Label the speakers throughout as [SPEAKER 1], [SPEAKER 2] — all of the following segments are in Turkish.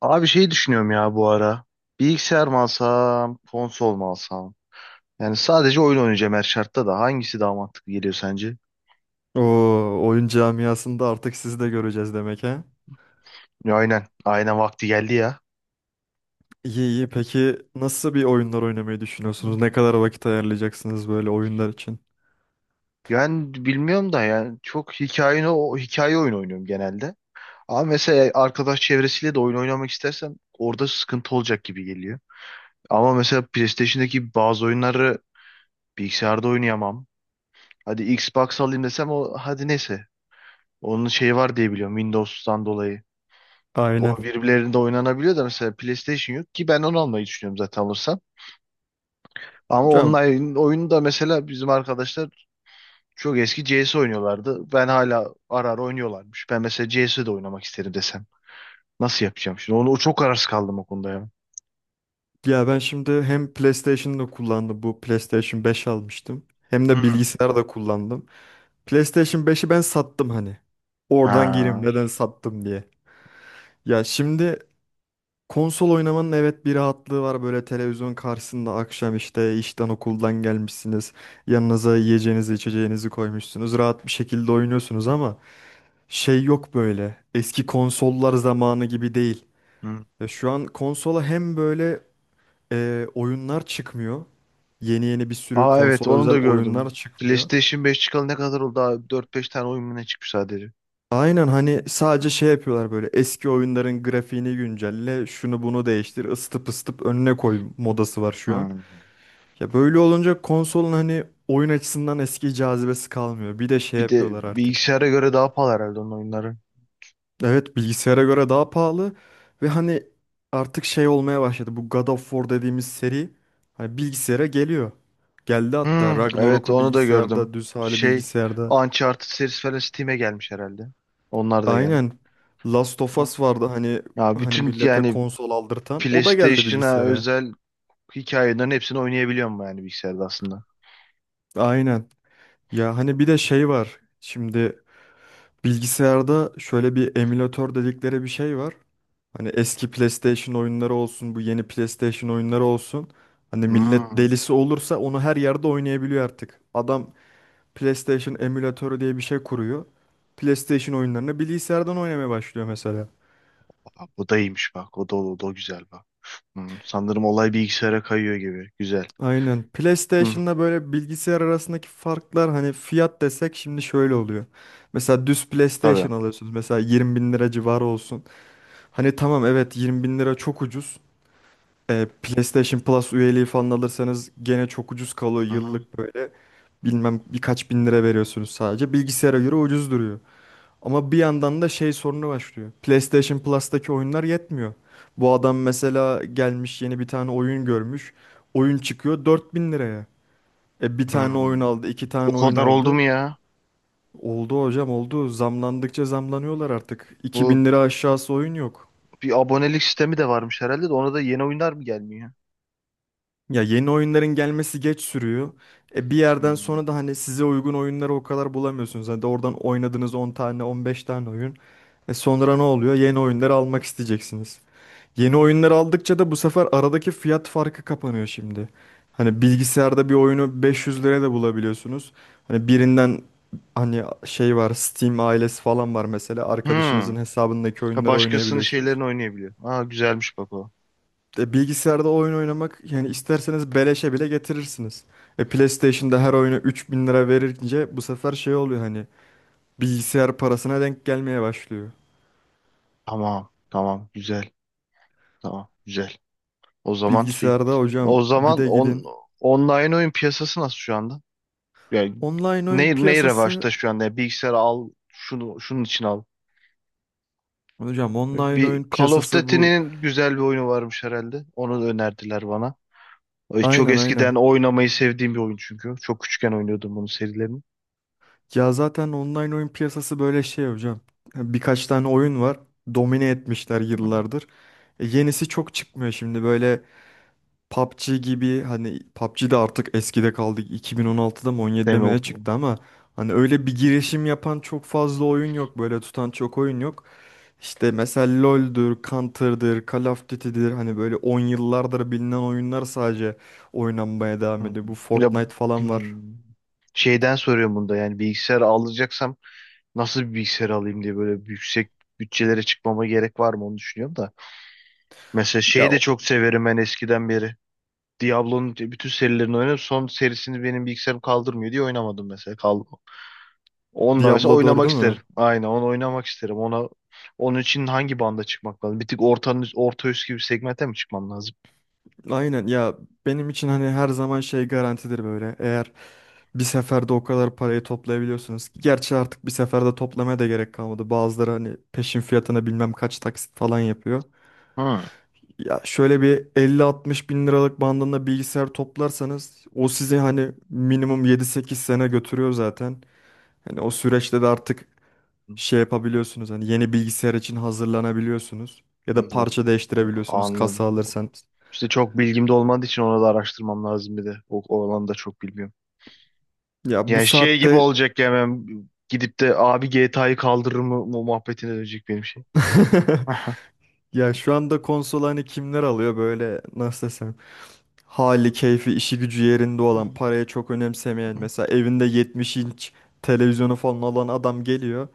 [SPEAKER 1] Abi şey düşünüyorum ya bu ara. Bilgisayar mı alsam, konsol mu alsam? Yani sadece oyun oynayacağım her şartta da. Hangisi daha mantıklı geliyor sence?
[SPEAKER 2] Oo, oyun camiasında artık sizi de göreceğiz demek ha.
[SPEAKER 1] Ya aynen. Aynen vakti geldi ya.
[SPEAKER 2] İyi iyi. Peki nasıl bir oyunlar oynamayı
[SPEAKER 1] Hı.
[SPEAKER 2] düşünüyorsunuz? Ne kadar vakit ayarlayacaksınız böyle oyunlar için?
[SPEAKER 1] Yani bilmiyorum da yani o hikaye oyunu oynuyorum genelde. Ama mesela arkadaş çevresiyle de oyun oynamak istersem orada sıkıntı olacak gibi geliyor. Ama mesela PlayStation'daki bazı oyunları bilgisayarda oynayamam. Hadi Xbox alayım desem o hadi neyse. Onun şeyi var diye biliyorum Windows'tan dolayı.
[SPEAKER 2] Aynen.
[SPEAKER 1] O birbirlerinde oynanabiliyor da mesela PlayStation yok ki ben onu almayı düşünüyorum zaten alırsam. Ama
[SPEAKER 2] Hocam
[SPEAKER 1] online oyunu da mesela bizim arkadaşlar çok eski CS oynuyorlardı. Ben hala ara ara oynuyorlarmış. Ben mesela CS'de oynamak isterim desem. Nasıl yapacağım şimdi? Onu çok kararsız kaldım o konuda ya.
[SPEAKER 2] ya ben şimdi hem PlayStation'da kullandım. Bu PlayStation 5 almıştım. Hem
[SPEAKER 1] Hı
[SPEAKER 2] de
[SPEAKER 1] hı.
[SPEAKER 2] bilgisayar da kullandım. PlayStation 5'i ben sattım hani. Oradan gireyim
[SPEAKER 1] Ha.
[SPEAKER 2] neden sattım diye. Ya şimdi, konsol oynamanın evet bir rahatlığı var böyle televizyon karşısında akşam işte işten okuldan gelmişsiniz. Yanınıza yiyeceğinizi içeceğinizi koymuşsunuz. Rahat bir şekilde oynuyorsunuz ama şey yok böyle. Eski konsollar zamanı gibi değil.
[SPEAKER 1] Hı.
[SPEAKER 2] Ya şu an konsola hem böyle oyunlar çıkmıyor. Yeni yeni bir sürü
[SPEAKER 1] Aa evet
[SPEAKER 2] konsola
[SPEAKER 1] onu
[SPEAKER 2] özel
[SPEAKER 1] da
[SPEAKER 2] oyunlar
[SPEAKER 1] gördüm.
[SPEAKER 2] çıkmıyor.
[SPEAKER 1] PlayStation 5 çıkalı ne kadar oldu? Daha 4-5 tane oyun mu ne çıkmış sadece.
[SPEAKER 2] Aynen, hani sadece şey yapıyorlar böyle eski oyunların grafiğini güncelle, şunu bunu değiştir, ısıtıp ısıtıp önüne koy
[SPEAKER 1] Hı.
[SPEAKER 2] modası var şu an.
[SPEAKER 1] Hı.
[SPEAKER 2] Ya böyle olunca konsolun hani oyun açısından eski cazibesi kalmıyor. Bir de şey
[SPEAKER 1] Bir de
[SPEAKER 2] yapıyorlar artık.
[SPEAKER 1] bilgisayara göre daha pahalı herhalde onun oyunları.
[SPEAKER 2] Evet, bilgisayara göre daha pahalı ve hani artık şey olmaya başladı. Bu God of War dediğimiz seri hani bilgisayara geliyor. Geldi hatta,
[SPEAKER 1] Hmm, evet
[SPEAKER 2] Ragnarok'u
[SPEAKER 1] onu da gördüm.
[SPEAKER 2] bilgisayarda, düz hali
[SPEAKER 1] Şey
[SPEAKER 2] bilgisayarda.
[SPEAKER 1] Uncharted serisi falan Steam'e gelmiş herhalde. Onlar da gelmiş.
[SPEAKER 2] Aynen. Last of
[SPEAKER 1] Hı.
[SPEAKER 2] Us vardı hani
[SPEAKER 1] Ya
[SPEAKER 2] hani
[SPEAKER 1] bütün
[SPEAKER 2] millete
[SPEAKER 1] yani
[SPEAKER 2] konsol aldırtan. O da geldi
[SPEAKER 1] PlayStation'a
[SPEAKER 2] bilgisayara.
[SPEAKER 1] özel hikayelerin hepsini oynayabiliyorum yani bilgisayarda aslında.
[SPEAKER 2] Aynen. Ya hani bir de şey var. Şimdi bilgisayarda şöyle bir emülatör dedikleri bir şey var. Hani eski PlayStation oyunları olsun, bu yeni PlayStation oyunları olsun. Hani millet
[SPEAKER 1] Hmm,
[SPEAKER 2] delisi olursa onu her yerde oynayabiliyor artık. Adam PlayStation emülatörü diye bir şey kuruyor. PlayStation oyunlarını bilgisayardan oynamaya başlıyor mesela.
[SPEAKER 1] bak, bu da iyiymiş bak. O da, o da güzel bak. Hmm, sanırım olay bilgisayara kayıyor gibi. Güzel.
[SPEAKER 2] Aynen.
[SPEAKER 1] Hmm,
[SPEAKER 2] PlayStation'la böyle bilgisayar arasındaki farklar hani fiyat desek şimdi şöyle oluyor. Mesela düz
[SPEAKER 1] tabii.
[SPEAKER 2] PlayStation alıyorsunuz. Mesela 20 bin lira civarı olsun. Hani tamam, evet 20 bin lira çok ucuz. E, PlayStation Plus üyeliği falan alırsanız gene çok ucuz kalıyor
[SPEAKER 1] Hı hı.
[SPEAKER 2] yıllık böyle. Bilmem birkaç bin lira veriyorsunuz sadece. Bilgisayara göre ucuz duruyor. Ama bir yandan da şey sorunu başlıyor. PlayStation Plus'taki oyunlar yetmiyor. Bu adam mesela gelmiş yeni bir tane oyun görmüş. Oyun çıkıyor 4000 liraya. E bir tane oyun
[SPEAKER 1] Hmm.
[SPEAKER 2] aldı, iki
[SPEAKER 1] O
[SPEAKER 2] tane oyun
[SPEAKER 1] kadar oldu
[SPEAKER 2] aldı.
[SPEAKER 1] mu ya?
[SPEAKER 2] Oldu hocam, oldu. Zamlandıkça zamlanıyorlar artık. İki
[SPEAKER 1] Bu
[SPEAKER 2] bin lira aşağısı oyun yok.
[SPEAKER 1] bir abonelik sistemi de varmış herhalde de ona da yeni oyunlar mı gelmiyor?
[SPEAKER 2] Ya yeni oyunların gelmesi geç sürüyor. E bir yerden
[SPEAKER 1] Hmm.
[SPEAKER 2] sonra da hani size uygun oyunları o kadar bulamıyorsunuz. Hani de oradan oynadığınız 10 tane, 15 tane oyun. E sonra ne oluyor? Yeni oyunları almak isteyeceksiniz. Yeni oyunları aldıkça da bu sefer aradaki fiyat farkı kapanıyor şimdi. Hani bilgisayarda bir oyunu 500 liraya da bulabiliyorsunuz. Hani birinden hani şey var, Steam ailesi falan var mesela. Arkadaşınızın
[SPEAKER 1] Hmm.
[SPEAKER 2] hesabındaki
[SPEAKER 1] Ha,
[SPEAKER 2] oyunları
[SPEAKER 1] başkasının
[SPEAKER 2] oynayabiliyorsunuz.
[SPEAKER 1] şeylerini oynayabiliyor. Aa güzelmiş bak o.
[SPEAKER 2] E, bilgisayarda oyun oynamak yani isterseniz beleşe bile getirirsiniz. E PlayStation'da her oyuna 3000 lira verince bu sefer şey oluyor hani bilgisayar parasına denk gelmeye başlıyor.
[SPEAKER 1] Tamam. Tamam. Güzel. Tamam. Güzel. O zaman fi-
[SPEAKER 2] Bilgisayarda hocam
[SPEAKER 1] o
[SPEAKER 2] bir
[SPEAKER 1] zaman
[SPEAKER 2] de
[SPEAKER 1] on,
[SPEAKER 2] gidin.
[SPEAKER 1] online oyun piyasası nasıl şu anda? Yani
[SPEAKER 2] Online oyun
[SPEAKER 1] ne revaçta
[SPEAKER 2] piyasası
[SPEAKER 1] şu anda? Yani bilgisayar al şunu şunun için al.
[SPEAKER 2] hocam, online
[SPEAKER 1] Bir
[SPEAKER 2] oyun
[SPEAKER 1] Call of
[SPEAKER 2] piyasası bu.
[SPEAKER 1] Duty'nin güzel bir oyunu varmış herhalde. Onu da önerdiler bana. Çok
[SPEAKER 2] Aynen
[SPEAKER 1] eskiden
[SPEAKER 2] aynen.
[SPEAKER 1] oynamayı sevdiğim bir oyun çünkü. Çok küçükken oynuyordum bunun serilerini.
[SPEAKER 2] Ya zaten online oyun piyasası böyle şey hocam. E, birkaç tane oyun var. Domine etmişler yıllardır. E, yenisi çok çıkmıyor şimdi, böyle PUBG gibi. Hani PUBG de artık eskide kaldı. 2016'da mı 17'de
[SPEAKER 1] Deme
[SPEAKER 2] mi
[SPEAKER 1] o.
[SPEAKER 2] ne çıktı ama hani öyle bir girişim yapan çok fazla oyun yok. Böyle tutan çok oyun yok. İşte mesela LoL'dür, Counter'dır, Call of Duty'dir. Hani böyle 10 yıllardır bilinen oyunlar sadece oynanmaya devam
[SPEAKER 1] Hmm.
[SPEAKER 2] ediyor. Bu
[SPEAKER 1] Ya
[SPEAKER 2] Fortnite falan var.
[SPEAKER 1] hmm. Şeyden soruyorum bunda yani bilgisayar alacaksam nasıl bir bilgisayar alayım diye böyle yüksek bütçelere çıkmama gerek var mı onu düşünüyorum da. Mesela şeyi
[SPEAKER 2] Ya
[SPEAKER 1] de çok severim ben eskiden beri. Diablo'nun bütün serilerini oynadım. Son serisini benim bilgisayarım kaldırmıyor diye oynamadım mesela. Onunla mesela
[SPEAKER 2] Diablo 4'ü
[SPEAKER 1] oynamak isterim.
[SPEAKER 2] mü?
[SPEAKER 1] Aynen onu oynamak isterim. Onun için hangi banda çıkmak lazım? Bir tık orta üst gibi segmente mi çıkmam lazım?
[SPEAKER 2] Aynen ya, benim için hani her zaman şey garantidir böyle. Eğer bir seferde o kadar parayı toplayabiliyorsunuz ki. Gerçi artık bir seferde toplamaya da gerek kalmadı. Bazıları hani peşin fiyatına bilmem kaç taksit falan yapıyor.
[SPEAKER 1] Hmm.
[SPEAKER 2] Ya şöyle bir 50-60 bin liralık bandında bilgisayar toplarsanız o sizi hani minimum yedi sekiz sene götürüyor zaten. Hani o süreçte de artık şey yapabiliyorsunuz. Hani yeni bilgisayar için hazırlanabiliyorsunuz. Ya
[SPEAKER 1] Hmm,
[SPEAKER 2] da
[SPEAKER 1] yok.
[SPEAKER 2] parça değiştirebiliyorsunuz kasa
[SPEAKER 1] Anladım.
[SPEAKER 2] alırsanız.
[SPEAKER 1] İşte çok bilgim de olmadığı için onu da araştırmam lazım bir de. O alanı da çok bilmiyorum.
[SPEAKER 2] Ya bu
[SPEAKER 1] Yani şey gibi
[SPEAKER 2] saatte
[SPEAKER 1] olacak ya ben gidip de abi GTA'yı kaldırır mı muhabbetine dönecek benim şey. Aha.
[SPEAKER 2] ya şu anda konsol hani kimler alıyor böyle, nasıl desem, hali keyfi işi gücü yerinde olan, parayı çok önemsemeyen, mesela evinde 70 inç televizyonu falan olan adam geliyor.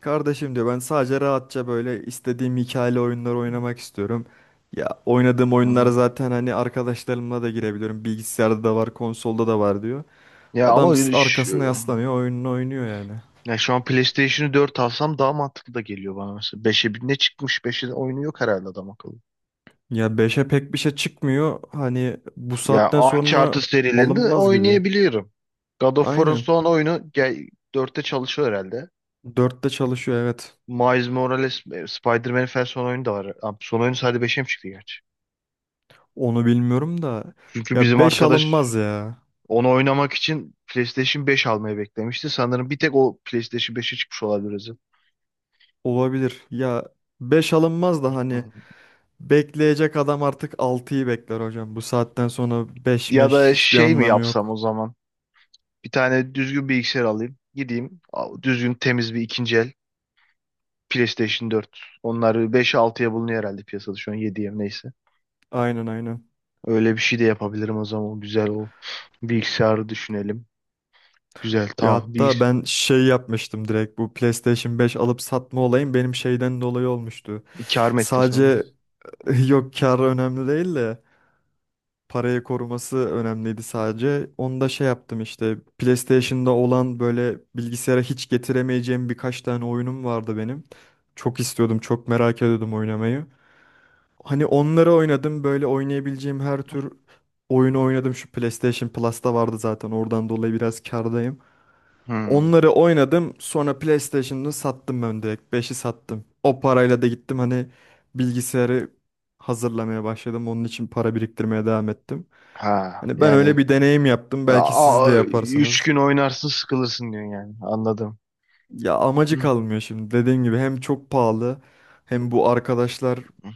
[SPEAKER 2] Kardeşim diyor, ben sadece rahatça böyle istediğim hikayeli oyunlar oynamak istiyorum. Ya oynadığım oyunlar zaten hani arkadaşlarımla da girebiliyorum. Bilgisayarda da var, konsolda da var diyor.
[SPEAKER 1] Ya ama
[SPEAKER 2] Adam
[SPEAKER 1] öyle
[SPEAKER 2] arkasına
[SPEAKER 1] şu,
[SPEAKER 2] yaslanıyor, oyununu oynuyor yani.
[SPEAKER 1] ya şu an PlayStation'ı 4 alsam daha mantıklı da geliyor bana mesela. Beşe bir ne çıkmış? 5'e oyunu yok herhalde adam akıllı.
[SPEAKER 2] Ya beşe pek bir şey çıkmıyor. Hani bu
[SPEAKER 1] Ya
[SPEAKER 2] saatten
[SPEAKER 1] Uncharted
[SPEAKER 2] sonra
[SPEAKER 1] serilerinde
[SPEAKER 2] alınmaz gibi.
[SPEAKER 1] oynayabiliyorum. God of War'ın
[SPEAKER 2] Aynen.
[SPEAKER 1] son oyunu 4'te çalışıyor herhalde.
[SPEAKER 2] Dörtte çalışıyor, evet.
[SPEAKER 1] Miles Morales Spider-Man'in falan son oyunu da var. Ha, son oyunu sadece 5'e mi çıktı gerçi?
[SPEAKER 2] Onu bilmiyorum da,
[SPEAKER 1] Çünkü
[SPEAKER 2] ya
[SPEAKER 1] bizim
[SPEAKER 2] 5
[SPEAKER 1] arkadaş
[SPEAKER 2] alınmaz ya.
[SPEAKER 1] onu oynamak için PlayStation 5 almayı beklemişti. Sanırım bir tek o PlayStation 5'e çıkmış olabilir. O yüzden.
[SPEAKER 2] Olabilir. Ya 5 alınmaz da hani
[SPEAKER 1] Hı.
[SPEAKER 2] bekleyecek adam artık altıyı bekler hocam. Bu saatten sonra 5
[SPEAKER 1] Ya
[SPEAKER 2] meş
[SPEAKER 1] da
[SPEAKER 2] hiçbir
[SPEAKER 1] şey mi
[SPEAKER 2] anlamı
[SPEAKER 1] yapsam
[SPEAKER 2] yok.
[SPEAKER 1] o zaman? Bir tane düzgün bilgisayar alayım. Gideyim düzgün temiz bir ikinci el PlayStation 4. Onlar 5 altıya bulunuyor herhalde piyasada şu an yediye mi neyse.
[SPEAKER 2] Aynen aynen.
[SPEAKER 1] Öyle bir şey de yapabilirim o zaman. Güzel o bilgisayarı düşünelim. Güzel
[SPEAKER 2] Ya
[SPEAKER 1] tamam.
[SPEAKER 2] hatta ben şey yapmıştım, direkt bu PlayStation 5 alıp satma olayım benim şeyden dolayı olmuştu.
[SPEAKER 1] Kâr mı ettin sen? Onu?
[SPEAKER 2] Sadece yok kar önemli değil de parayı koruması önemliydi sadece. Onu da şey yaptım işte, PlayStation'da olan böyle bilgisayara hiç getiremeyeceğim birkaç tane oyunum vardı benim. Çok istiyordum, çok merak ediyordum oynamayı. Hani onları oynadım, böyle oynayabileceğim her tür oyunu oynadım. Şu PlayStation Plus'ta vardı zaten, oradan dolayı biraz kârdayım.
[SPEAKER 1] Hı.
[SPEAKER 2] Onları oynadım, sonra PlayStation'ı sattım ben, direkt 5'i sattım. O parayla da gittim hani bilgisayarı hazırlamaya başladım. Onun için para biriktirmeye devam ettim.
[SPEAKER 1] Ha
[SPEAKER 2] Hani ben öyle
[SPEAKER 1] yani
[SPEAKER 2] bir deneyim yaptım.
[SPEAKER 1] a,
[SPEAKER 2] Belki siz de
[SPEAKER 1] üç
[SPEAKER 2] yaparsınız.
[SPEAKER 1] gün oynarsın sıkılırsın diyorsun yani anladım.
[SPEAKER 2] Ya amacı
[SPEAKER 1] Hı,
[SPEAKER 2] kalmıyor şimdi. Dediğim gibi, hem çok pahalı, hem bu
[SPEAKER 1] hı,
[SPEAKER 2] arkadaşlarla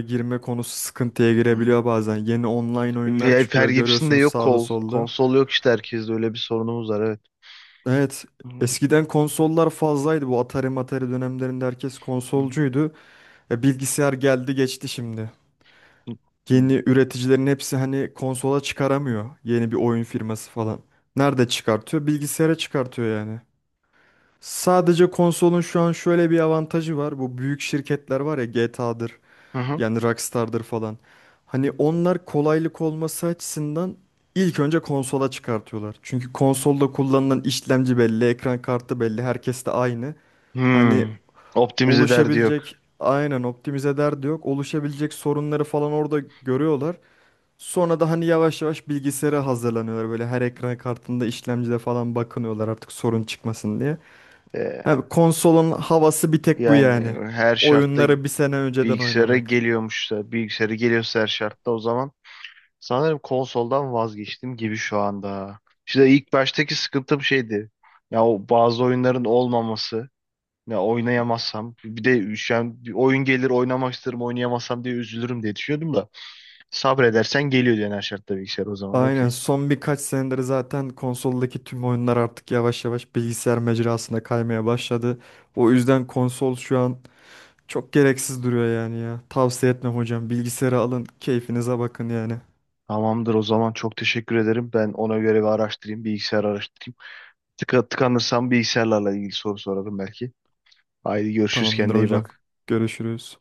[SPEAKER 2] girme konusu sıkıntıya
[SPEAKER 1] hı.
[SPEAKER 2] girebiliyor bazen. Yeni online oyunlar
[SPEAKER 1] Fer
[SPEAKER 2] çıkıyor,
[SPEAKER 1] Gibson'de
[SPEAKER 2] görüyorsunuz
[SPEAKER 1] yok
[SPEAKER 2] sağda solda.
[SPEAKER 1] Konsol yok işte herkeste öyle bir sorunumuz var evet.
[SPEAKER 2] Evet,
[SPEAKER 1] Hı,
[SPEAKER 2] eskiden konsollar fazlaydı. Bu Atari Matari dönemlerinde herkes
[SPEAKER 1] hı,
[SPEAKER 2] konsolcuydu. E, bilgisayar geldi geçti şimdi.
[SPEAKER 1] hı, hı.
[SPEAKER 2] Yeni üreticilerin hepsi hani konsola çıkaramıyor. Yeni bir oyun firması falan. Nerede çıkartıyor? Bilgisayara çıkartıyor yani. Sadece konsolun şu an şöyle bir avantajı var. Bu büyük şirketler var ya, GTA'dır
[SPEAKER 1] Hı, hı.
[SPEAKER 2] yani, Rockstar'dır falan. Hani onlar kolaylık olması açısından ilk önce konsola çıkartıyorlar. Çünkü konsolda kullanılan işlemci belli, ekran kartı belli, herkes de aynı. Hani
[SPEAKER 1] Hmm. Optimize derdi yok.
[SPEAKER 2] oluşabilecek, aynen optimize derdi yok. Oluşabilecek sorunları falan orada görüyorlar. Sonra da hani yavaş yavaş bilgisayara hazırlanıyorlar. Böyle her ekran kartında, işlemcide falan bakınıyorlar artık sorun çıkmasın diye.
[SPEAKER 1] Ee,
[SPEAKER 2] Abi konsolun havası bir tek bu
[SPEAKER 1] yani
[SPEAKER 2] yani.
[SPEAKER 1] her şartta
[SPEAKER 2] Oyunları bir sene önceden oynamak.
[SPEAKER 1] bilgisayara geliyorsa her şartta o zaman sanırım konsoldan vazgeçtim gibi şu anda. İşte ilk baştaki sıkıntım şeydi. Ya o bazı oyunların olmaması. Ya oynayamazsam bir de şu an bir oyun gelir oynamak isterim oynayamazsam diye üzülürüm diye düşünüyordum da sabredersen geliyor diyen her şartta bilgisayar o zaman okey.
[SPEAKER 2] Aynen, son birkaç senedir zaten konsoldaki tüm oyunlar artık yavaş yavaş bilgisayar mecrasına kaymaya başladı. O yüzden konsol şu an çok gereksiz duruyor yani ya. Tavsiye etmem hocam. Bilgisayarı alın, keyfinize bakın yani.
[SPEAKER 1] Tamamdır o zaman çok teşekkür ederim. Ben ona göre bir araştırayım bilgisayar araştırayım. Tıkanırsam bilgisayarlarla ilgili soru sorarım belki. Haydi görüşürüz
[SPEAKER 2] Tamamdır
[SPEAKER 1] kendine iyi
[SPEAKER 2] hocam.
[SPEAKER 1] bak.
[SPEAKER 2] Görüşürüz.